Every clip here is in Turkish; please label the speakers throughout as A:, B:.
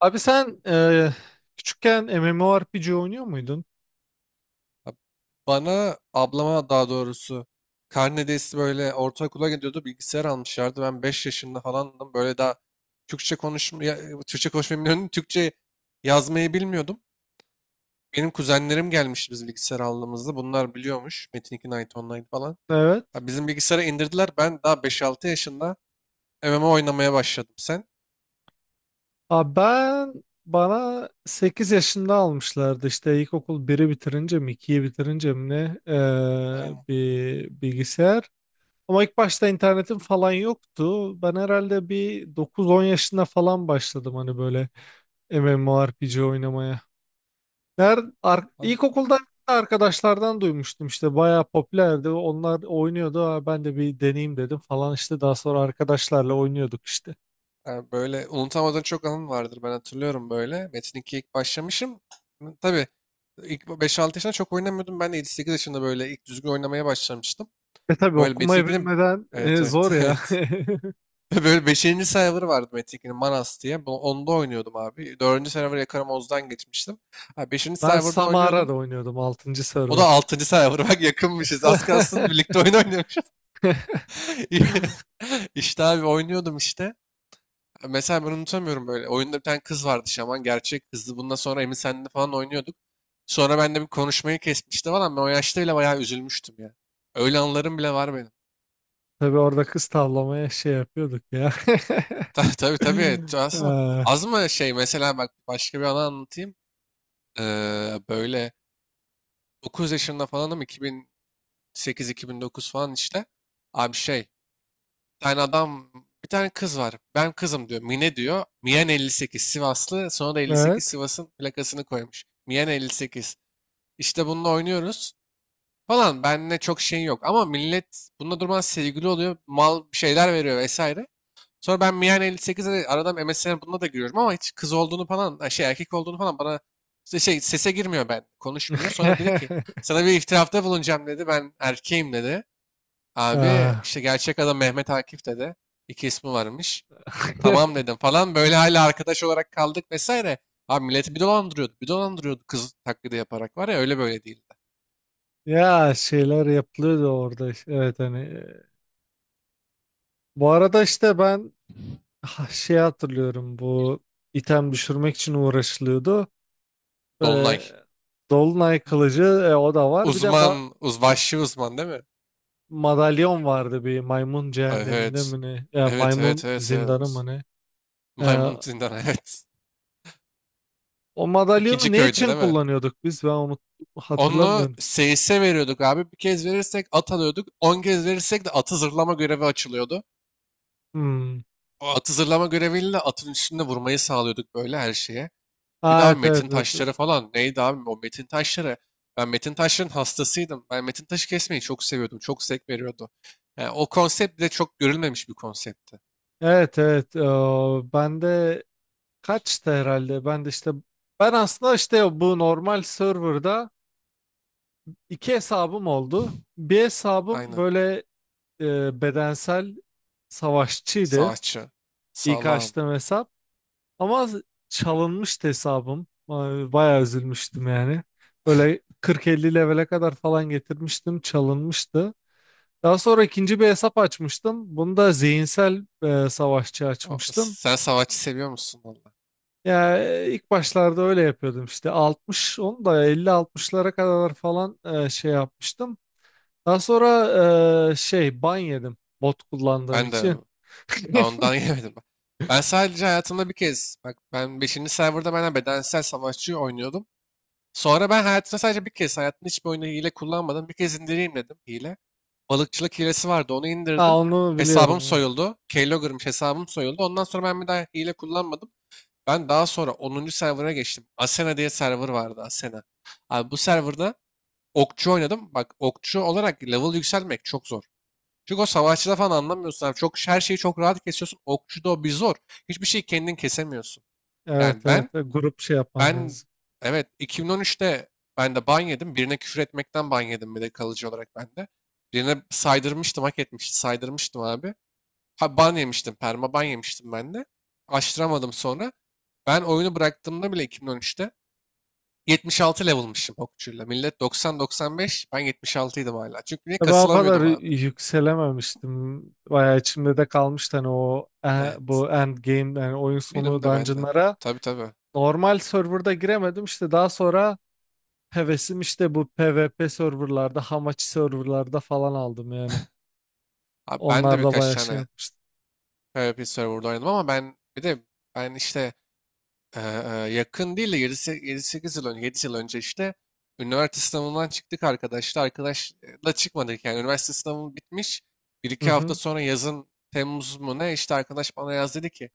A: Abi sen küçükken MMORPG oynuyor muydun?
B: Ab- Bana ablama daha doğrusu karnedeysi böyle ortaokula gidiyordu, bilgisayar almışlardı. Ben 5 yaşında falandım. Böyle daha Türkçe konuşmayı bilmiyordum. Türkçe yazmayı bilmiyordum. Benim kuzenlerim gelmişti biz bilgisayar aldığımızda. Bunlar biliyormuş. Metin 2 Night Online falan.
A: Evet.
B: Ha, bizim bilgisayara indirdiler. Ben daha beş altı yaşında MMO oynamaya başladım. Sen?
A: Abi, bana 8 yaşında almışlardı işte ilkokul biri bitirince mi 2'yi bitirince mi ne
B: Aynen.
A: bir bilgisayar. Ama ilk başta internetim falan yoktu. Ben herhalde bir dokuz on yaşında falan başladım hani böyle MMORPG oynamaya. Nerede,
B: Abi,
A: ilkokulda arkadaşlardan duymuştum işte bayağı popülerdi. Onlar oynuyordu. "Aa, ben de bir deneyeyim dedim falan işte, daha sonra arkadaşlarla oynuyorduk işte."
B: yani böyle unutamadığın çok anın vardır. Ben hatırlıyorum böyle. Metin 2'ye ilk başlamışım. Hı, tabii ilk 5-6 yaşında çok oynamıyordum. Ben de 7-8 yaşında böyle ilk düzgün oynamaya başlamıştım.
A: E tabii
B: Böyle Metin
A: okumayı
B: 2'nin,
A: bilmeden
B: evet, evet,
A: zor ya.
B: evet. Böyle 5. server vardı Metin 2'nin, Manas diye. Onda oynuyordum abi. 4. server Yakarım Oz'dan geçmiştim. 5.
A: Ben
B: serverda
A: Samara'da
B: oynuyordum.
A: oynuyordum, 6.
B: O da
A: server.
B: 6. server. Bak yakınmışız. Az kalsın birlikte oyun oynuyormuş. İşte abi oynuyordum işte. Mesela ben unutamıyorum böyle. Oyunda bir tane kız vardı, şaman. Gerçek kızdı. Bundan sonra Emin Sen'le falan oynuyorduk. Sonra ben de bir konuşmayı kesmişti falan. Ben o yaşta bile bayağı üzülmüştüm ya. Öyle anılarım bile var benim.
A: Tabii orada kız tavlamaya şey yapıyorduk ya.
B: Tabii, tabii, tabii. Az mı,
A: Ee,
B: az mı şey, mesela bak başka bir anı anlatayım. Böyle 9 yaşında falanım, 2008-2009 falan işte. Abi şey, bir tane adam, bir tane kız var. Ben kızım diyor. Mine diyor. Mian 58 Sivaslı. Sonra da 58
A: Evet.
B: Sivas'ın plakasını koymuş. Mian 58. İşte bununla oynuyoruz falan. Benle çok şey yok. Ama millet bununla durmadan sevgili oluyor. Mal bir şeyler veriyor vesaire. Sonra ben Mian 58'e de aradan MSN bununla da giriyorum ama hiç kız olduğunu falan, ha şey erkek olduğunu falan bana işte şey sese girmiyor ben. Konuşmuyor. Sonra dedi ki sana bir iftirafta bulunacağım dedi. Ben erkeğim dedi.
A: Ee,
B: Abi işte gerçek adam Mehmet Akif dedi. İki ismi varmış. Tamam dedim falan. Böyle hala arkadaş olarak kaldık vesaire. Abi milleti bir dolandırıyordu. Bir dolandırıyordu, kız taklidi yaparak var ya, öyle böyle değildi.
A: Ya şeyler yapılıyordu orada işte. Evet, hani. Bu arada işte ben, Ha, şey, hatırlıyorum bu item düşürmek için uğraşılıyordu. Ee,
B: Dolunay.
A: Dolunay kılıcı, o da var. Bir de
B: Uzman, vahşi uzman değil mi?
A: madalyon vardı bir maymun cehenneminde
B: Evet.
A: mi ne? Ya,
B: Evet, evet,
A: maymun
B: evet,
A: zindanı
B: evet.
A: mı ne? Ee,
B: Maymun zindan, evet.
A: O
B: İkinci
A: madalyonu ne
B: köyde
A: için
B: değil mi?
A: kullanıyorduk biz? Ben onu
B: Onu
A: hatırlamıyorum.
B: seyise veriyorduk abi. Bir kez verirsek at alıyorduk. 10 kez verirsek de atı zırlama görevi açılıyordu.
A: Hmm.
B: O atı zırlama göreviyle atın üstünde vurmayı sağlıyorduk böyle her şeye. Bir
A: Ha,
B: daha
A: evet evet
B: metin
A: evet.
B: taşları falan. Neydi abi o metin taşları? Ben metin taşların hastasıydım. Ben metin taşı kesmeyi çok seviyordum. Çok zevk veriyordu. Yani o konsept bile çok görülmemiş bir konseptti.
A: Evet evet, evet. Ben de kaçtı herhalde. Ben de işte, ben aslında işte bu normal serverda iki hesabım oldu. Bir hesabım
B: Aynen.
A: böyle bedensel savaşçıydı.
B: Savaşçı.
A: İlk
B: Sağlam.
A: açtığım hesap. Ama çalınmıştı hesabım. Ay, bayağı üzülmüştüm yani. Böyle 40-50 levele kadar falan getirmiştim. Çalınmıştı. Daha sonra ikinci bir hesap açmıştım. Bunu da zihinsel savaşçı açmıştım.
B: Sen savaşçı seviyor musun valla?
A: Ya ilk başlarda öyle yapıyordum işte, 60 onu da 50-60'lara kadar falan şey yapmıştım. Daha sonra şey, ban yedim bot kullandığım
B: Ben de,
A: için.
B: ben ondan yemedim. Ben sadece hayatımda bir kez, bak ben beşinci serverda benden bedensel savaşçı oynuyordum. Sonra ben hayatımda sadece bir kez, hayatımda hiçbir oyunu hile kullanmadım. Bir kez indireyim dedim hile. Balıkçılık hilesi vardı, onu
A: Aa,
B: indirdim.
A: onu
B: Hesabım
A: biliyorum.
B: soyuldu. Keylogger'mış, hesabım soyuldu. Ondan sonra ben bir daha hile kullanmadım. Ben daha sonra onuncu server'a geçtim. Asena diye server vardı, Asena. Abi bu serverda okçu oynadım. Bak okçu olarak level yükselmek çok zor. Çünkü o savaşçıda falan anlamıyorsun abi. Çok, her şeyi çok rahat kesiyorsun. Okçuda o bir zor. Hiçbir şeyi kendin kesemiyorsun. Yani
A: Evet evet evet,
B: ben
A: evet. Grup şey yapman
B: ben
A: lazım.
B: evet 2013'te ben de ban yedim. Birine küfür etmekten ban yedim, bir de kalıcı olarak ben de. Birine saydırmıştım, hak etmişti. Saydırmıştım abi. Ha, ban yemiştim, perma ban yemiştim ben de. Açtıramadım sonra. Ben oyunu bıraktığımda bile 2013'te 76 level'mışım okçuyla. Millet doksan doksan beş, ben yetmiş altıydım hala. Çünkü niye
A: Ya ben o kadar
B: kasılamıyordum abi.
A: yükselememiştim. Bayağı içimde de kalmıştı hani o
B: Evet.
A: bu end game, yani oyun sonu
B: Benim de, bende de.
A: dungeonlara.
B: Tabii, tabii.
A: Normal serverda giremedim işte, daha sonra hevesim işte bu PvP serverlarda, hamachi serverlarda falan aldım yani.
B: Abi ben de
A: Onlar da
B: birkaç
A: bayağı şey
B: tane
A: yapmıştı.
B: PvP server'da oynadım ama ben bir de ben işte e, e, yakın değil de yedi sekiz yıl önce, 7 yıl önce işte üniversite sınavından çıktık arkadaşlar. Arkadaşla çıkmadık yani. Üniversite sınavım bitmiş, bir
A: Hı
B: iki hafta
A: hı.
B: sonra yazın Temmuz mu ne işte arkadaş bana yaz dedi ki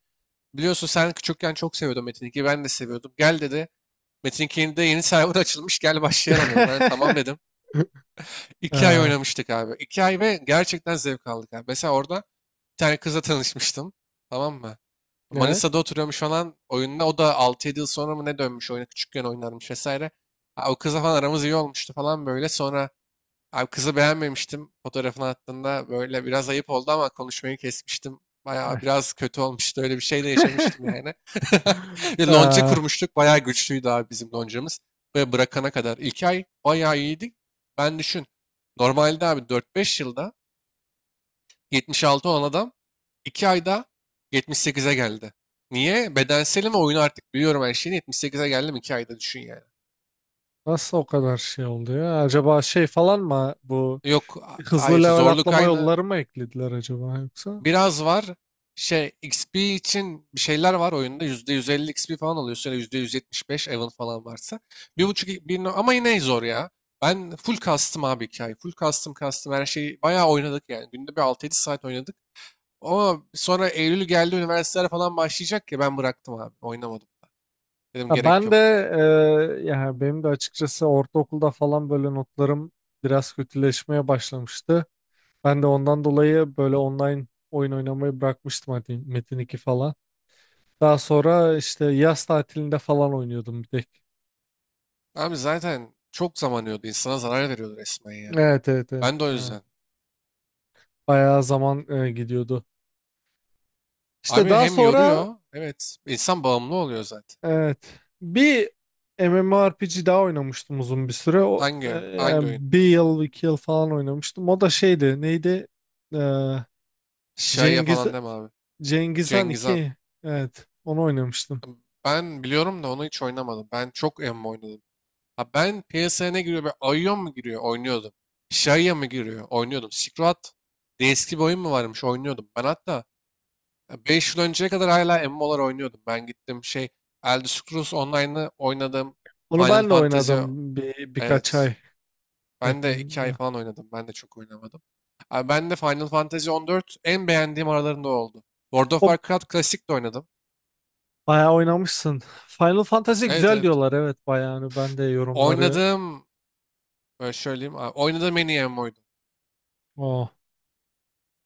B: biliyorsun sen küçükken çok seviyordun Metin 2'yi. Ben de seviyordum. Gel dedi. Metin 2'nin de yeni server açılmış. Gel başlayalım dedi. Ben de tamam dedim. 2 ay
A: Ee,
B: oynamıştık abi. 2 ay ve gerçekten zevk aldık abi. Mesela orada bir tane kızla tanışmıştım. Tamam mı?
A: evet.
B: Manisa'da oturuyormuş falan oyunda. O da altı yedi yıl sonra mı ne dönmüş oyuna. Küçükken oynarmış vesaire. Ha, o kızla falan aramız iyi olmuştu falan böyle. Sonra, abi, kızı beğenmemiştim. Fotoğrafını attığında böyle biraz ayıp oldu ama konuşmayı kesmiştim. Bayağı
A: Eh,
B: biraz kötü olmuştu. Öyle bir şey de yaşamıştım yani. Bir lonca
A: ee,
B: kurmuştuk. Bayağı güçlüydü abi bizim loncamız. Ve bırakana kadar. 2 ay bayağı iyiydik. Ben düşün. Normalde abi dört beş yılda 76 olan adam 2 ayda yetmiş sekize geldi. Niye? Bedenselim ve oyunu artık biliyorum her şeyini. 78'e geldim 2 ayda düşün yani.
A: nasıl o kadar şey oldu ya? Acaba şey falan mı bu,
B: Yok, hayır
A: hızlı level
B: zorluk
A: atlama
B: aynı.
A: yolları mı eklediler acaba yoksa?
B: Biraz var. Şey XP için bir şeyler var oyunda. %150 XP falan alıyorsun ya da %175 Evan falan varsa. Bir buçuk bir, ama yine zor ya. Ben full custom abi hikaye. Full custom her şeyi bayağı oynadık yani. Günde bir 6-7 saat oynadık. Ama sonra Eylül geldi, üniversiteler falan başlayacak ya, ben bıraktım abi. Oynamadım. Dedim
A: Ha,
B: gerek
A: ben
B: yok
A: de
B: ya.
A: yani benim de açıkçası ortaokulda falan böyle notlarım biraz kötüleşmeye başlamıştı. Ben de ondan dolayı böyle online oyun oynamayı bırakmıştım hadi Metin 2 falan. Daha sonra işte yaz tatilinde falan oynuyordum bir tek.
B: Abi zaten çok zaman yiyordu. İnsana zarar veriyordu resmen ya.
A: Evet evet evet.
B: Ben de o
A: Ha,
B: yüzden.
A: bayağı zaman gidiyordu. İşte
B: Abi
A: daha
B: hem
A: sonra
B: yoruyor. Evet. insan bağımlı oluyor zaten.
A: evet. Bir MMORPG daha oynamıştım uzun bir süre. O,
B: Hangi? Hangi
A: yani
B: oyun?
A: bir yıl, iki yıl falan oynamıştım. O da şeydi, neydi? Ee,
B: Şaya
A: Cengiz,
B: falan deme abi.
A: Cengiz Han
B: Cengizhan.
A: 2. Evet, onu oynamıştım.
B: Ben biliyorum da onu hiç oynamadım. Ben çok emmi oynadım. Ha, ben piyasaya ne giriyor? Böyle Aion mu giriyor? Oynuyordum. Şaya mı giriyor? Oynuyordum. Silk eski bir oyun mu varmış? Oynuyordum. Ben hatta 5 yıl önceye kadar hala emmi olarak oynuyordum. Ben gittim şey Elder Scrolls Online'ı oynadım.
A: Onu
B: Final
A: ben de
B: Fantasy,
A: oynadım bir, birkaç
B: evet.
A: ay
B: Ben de 2 ay
A: yakında.
B: falan oynadım. Ben de çok oynamadım. Abi ben de Final Fantasy 14 en beğendiğim aralarında oldu. World of
A: O
B: Warcraft klasik de oynadım.
A: bayağı oynamışsın. Final Fantasy
B: Evet,
A: güzel
B: evet.
A: diyorlar. Evet, bayağı. Hani ben de yorumları
B: Oynadığım şöyle diyeyim. Oynadığım en iyi MMO'ydu.
A: o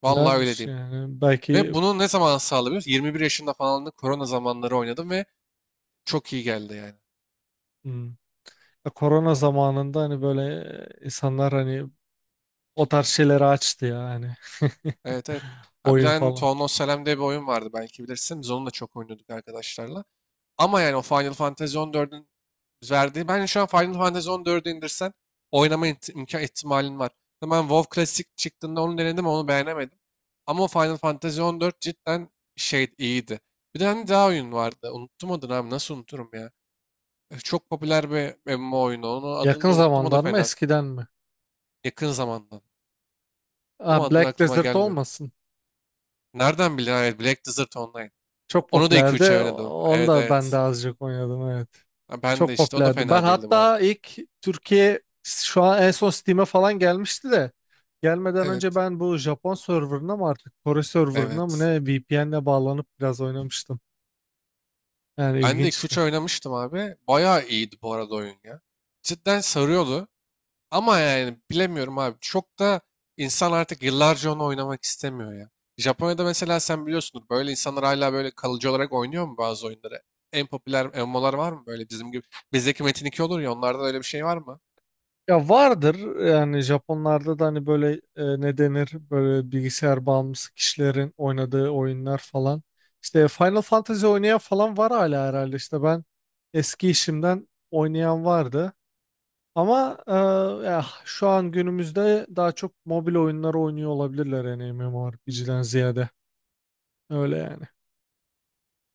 B: Vallahi öyle
A: güzelmiş
B: diyeyim.
A: yani.
B: Ve
A: Belki
B: bunu ne zaman sağlayabiliyoruz? 21 yaşında falan da korona zamanları oynadım ve çok iyi geldi yani.
A: hmm, korona zamanında hani böyle insanlar hani o tarz şeyleri açtı ya hani.
B: Evet, evet. Ha, bir
A: Oyun
B: tane
A: falan.
B: Town Selam diye bir oyun vardı, belki bilirsin. Biz onu da çok oynuyorduk arkadaşlarla. Ama yani o Final Fantasy 14'ün verdiği. Bence şu an Final Fantasy 14'ü indirsen oynama imkan ihtimalin var. Ben WoW Classic çıktığında onu denedim, onu beğenemedim. Ama o Final Fantasy 14 cidden şey iyiydi. Bir tane daha oyun vardı. Unuttum adını abi. Nasıl unuturum ya? Çok popüler bir MMO oyunu, onun adını
A: Yakın
B: da unuttum, o da
A: zamandan mı
B: fena.
A: eskiden mi?
B: Yakın zamandan.
A: Aa,
B: Ama adını
A: Black
B: aklıma
A: Desert
B: gelmiyor.
A: olmasın.
B: Nereden bildin? Evet, Black Desert Online.
A: Çok
B: Onu da iki
A: popülerdi.
B: üç ay oynadım.
A: Onu
B: Evet,
A: da ben de
B: evet.
A: azıcık oynadım, evet.
B: Ha, ben de
A: Çok
B: işte. O da
A: popülerdi. Ben
B: fena değildi bu arada.
A: hatta ilk Türkiye şu an en son Steam'e falan gelmişti de, gelmeden önce
B: Evet.
A: ben bu Japon serverına mı artık Kore serverına mı
B: Evet.
A: ne VPN'le bağlanıp biraz oynamıştım. Yani
B: Ben de 2-3
A: ilginçti.
B: oynamıştım abi. Bayağı iyiydi bu arada oyun ya. Cidden sarıyordu. Ama yani bilemiyorum abi. Çok da insan artık yıllarca onu oynamak istemiyor ya. Japonya'da mesela sen biliyorsundur böyle insanlar hala böyle kalıcı olarak oynuyor mu bazı oyunları? En popüler MMO'lar var mı böyle bizim gibi? Bizdeki Metin 2 olur ya, onlarda öyle bir şey var mı?
A: Ya vardır yani, Japonlarda da hani böyle ne denir, böyle bilgisayar bağımlısı kişilerin oynadığı oyunlar falan. İşte Final Fantasy oynayan falan var hala herhalde, işte ben eski işimden oynayan vardı. Ama ya şu an günümüzde daha çok mobil oyunları oynuyor olabilirler yani, MMORPG'den ziyade öyle yani.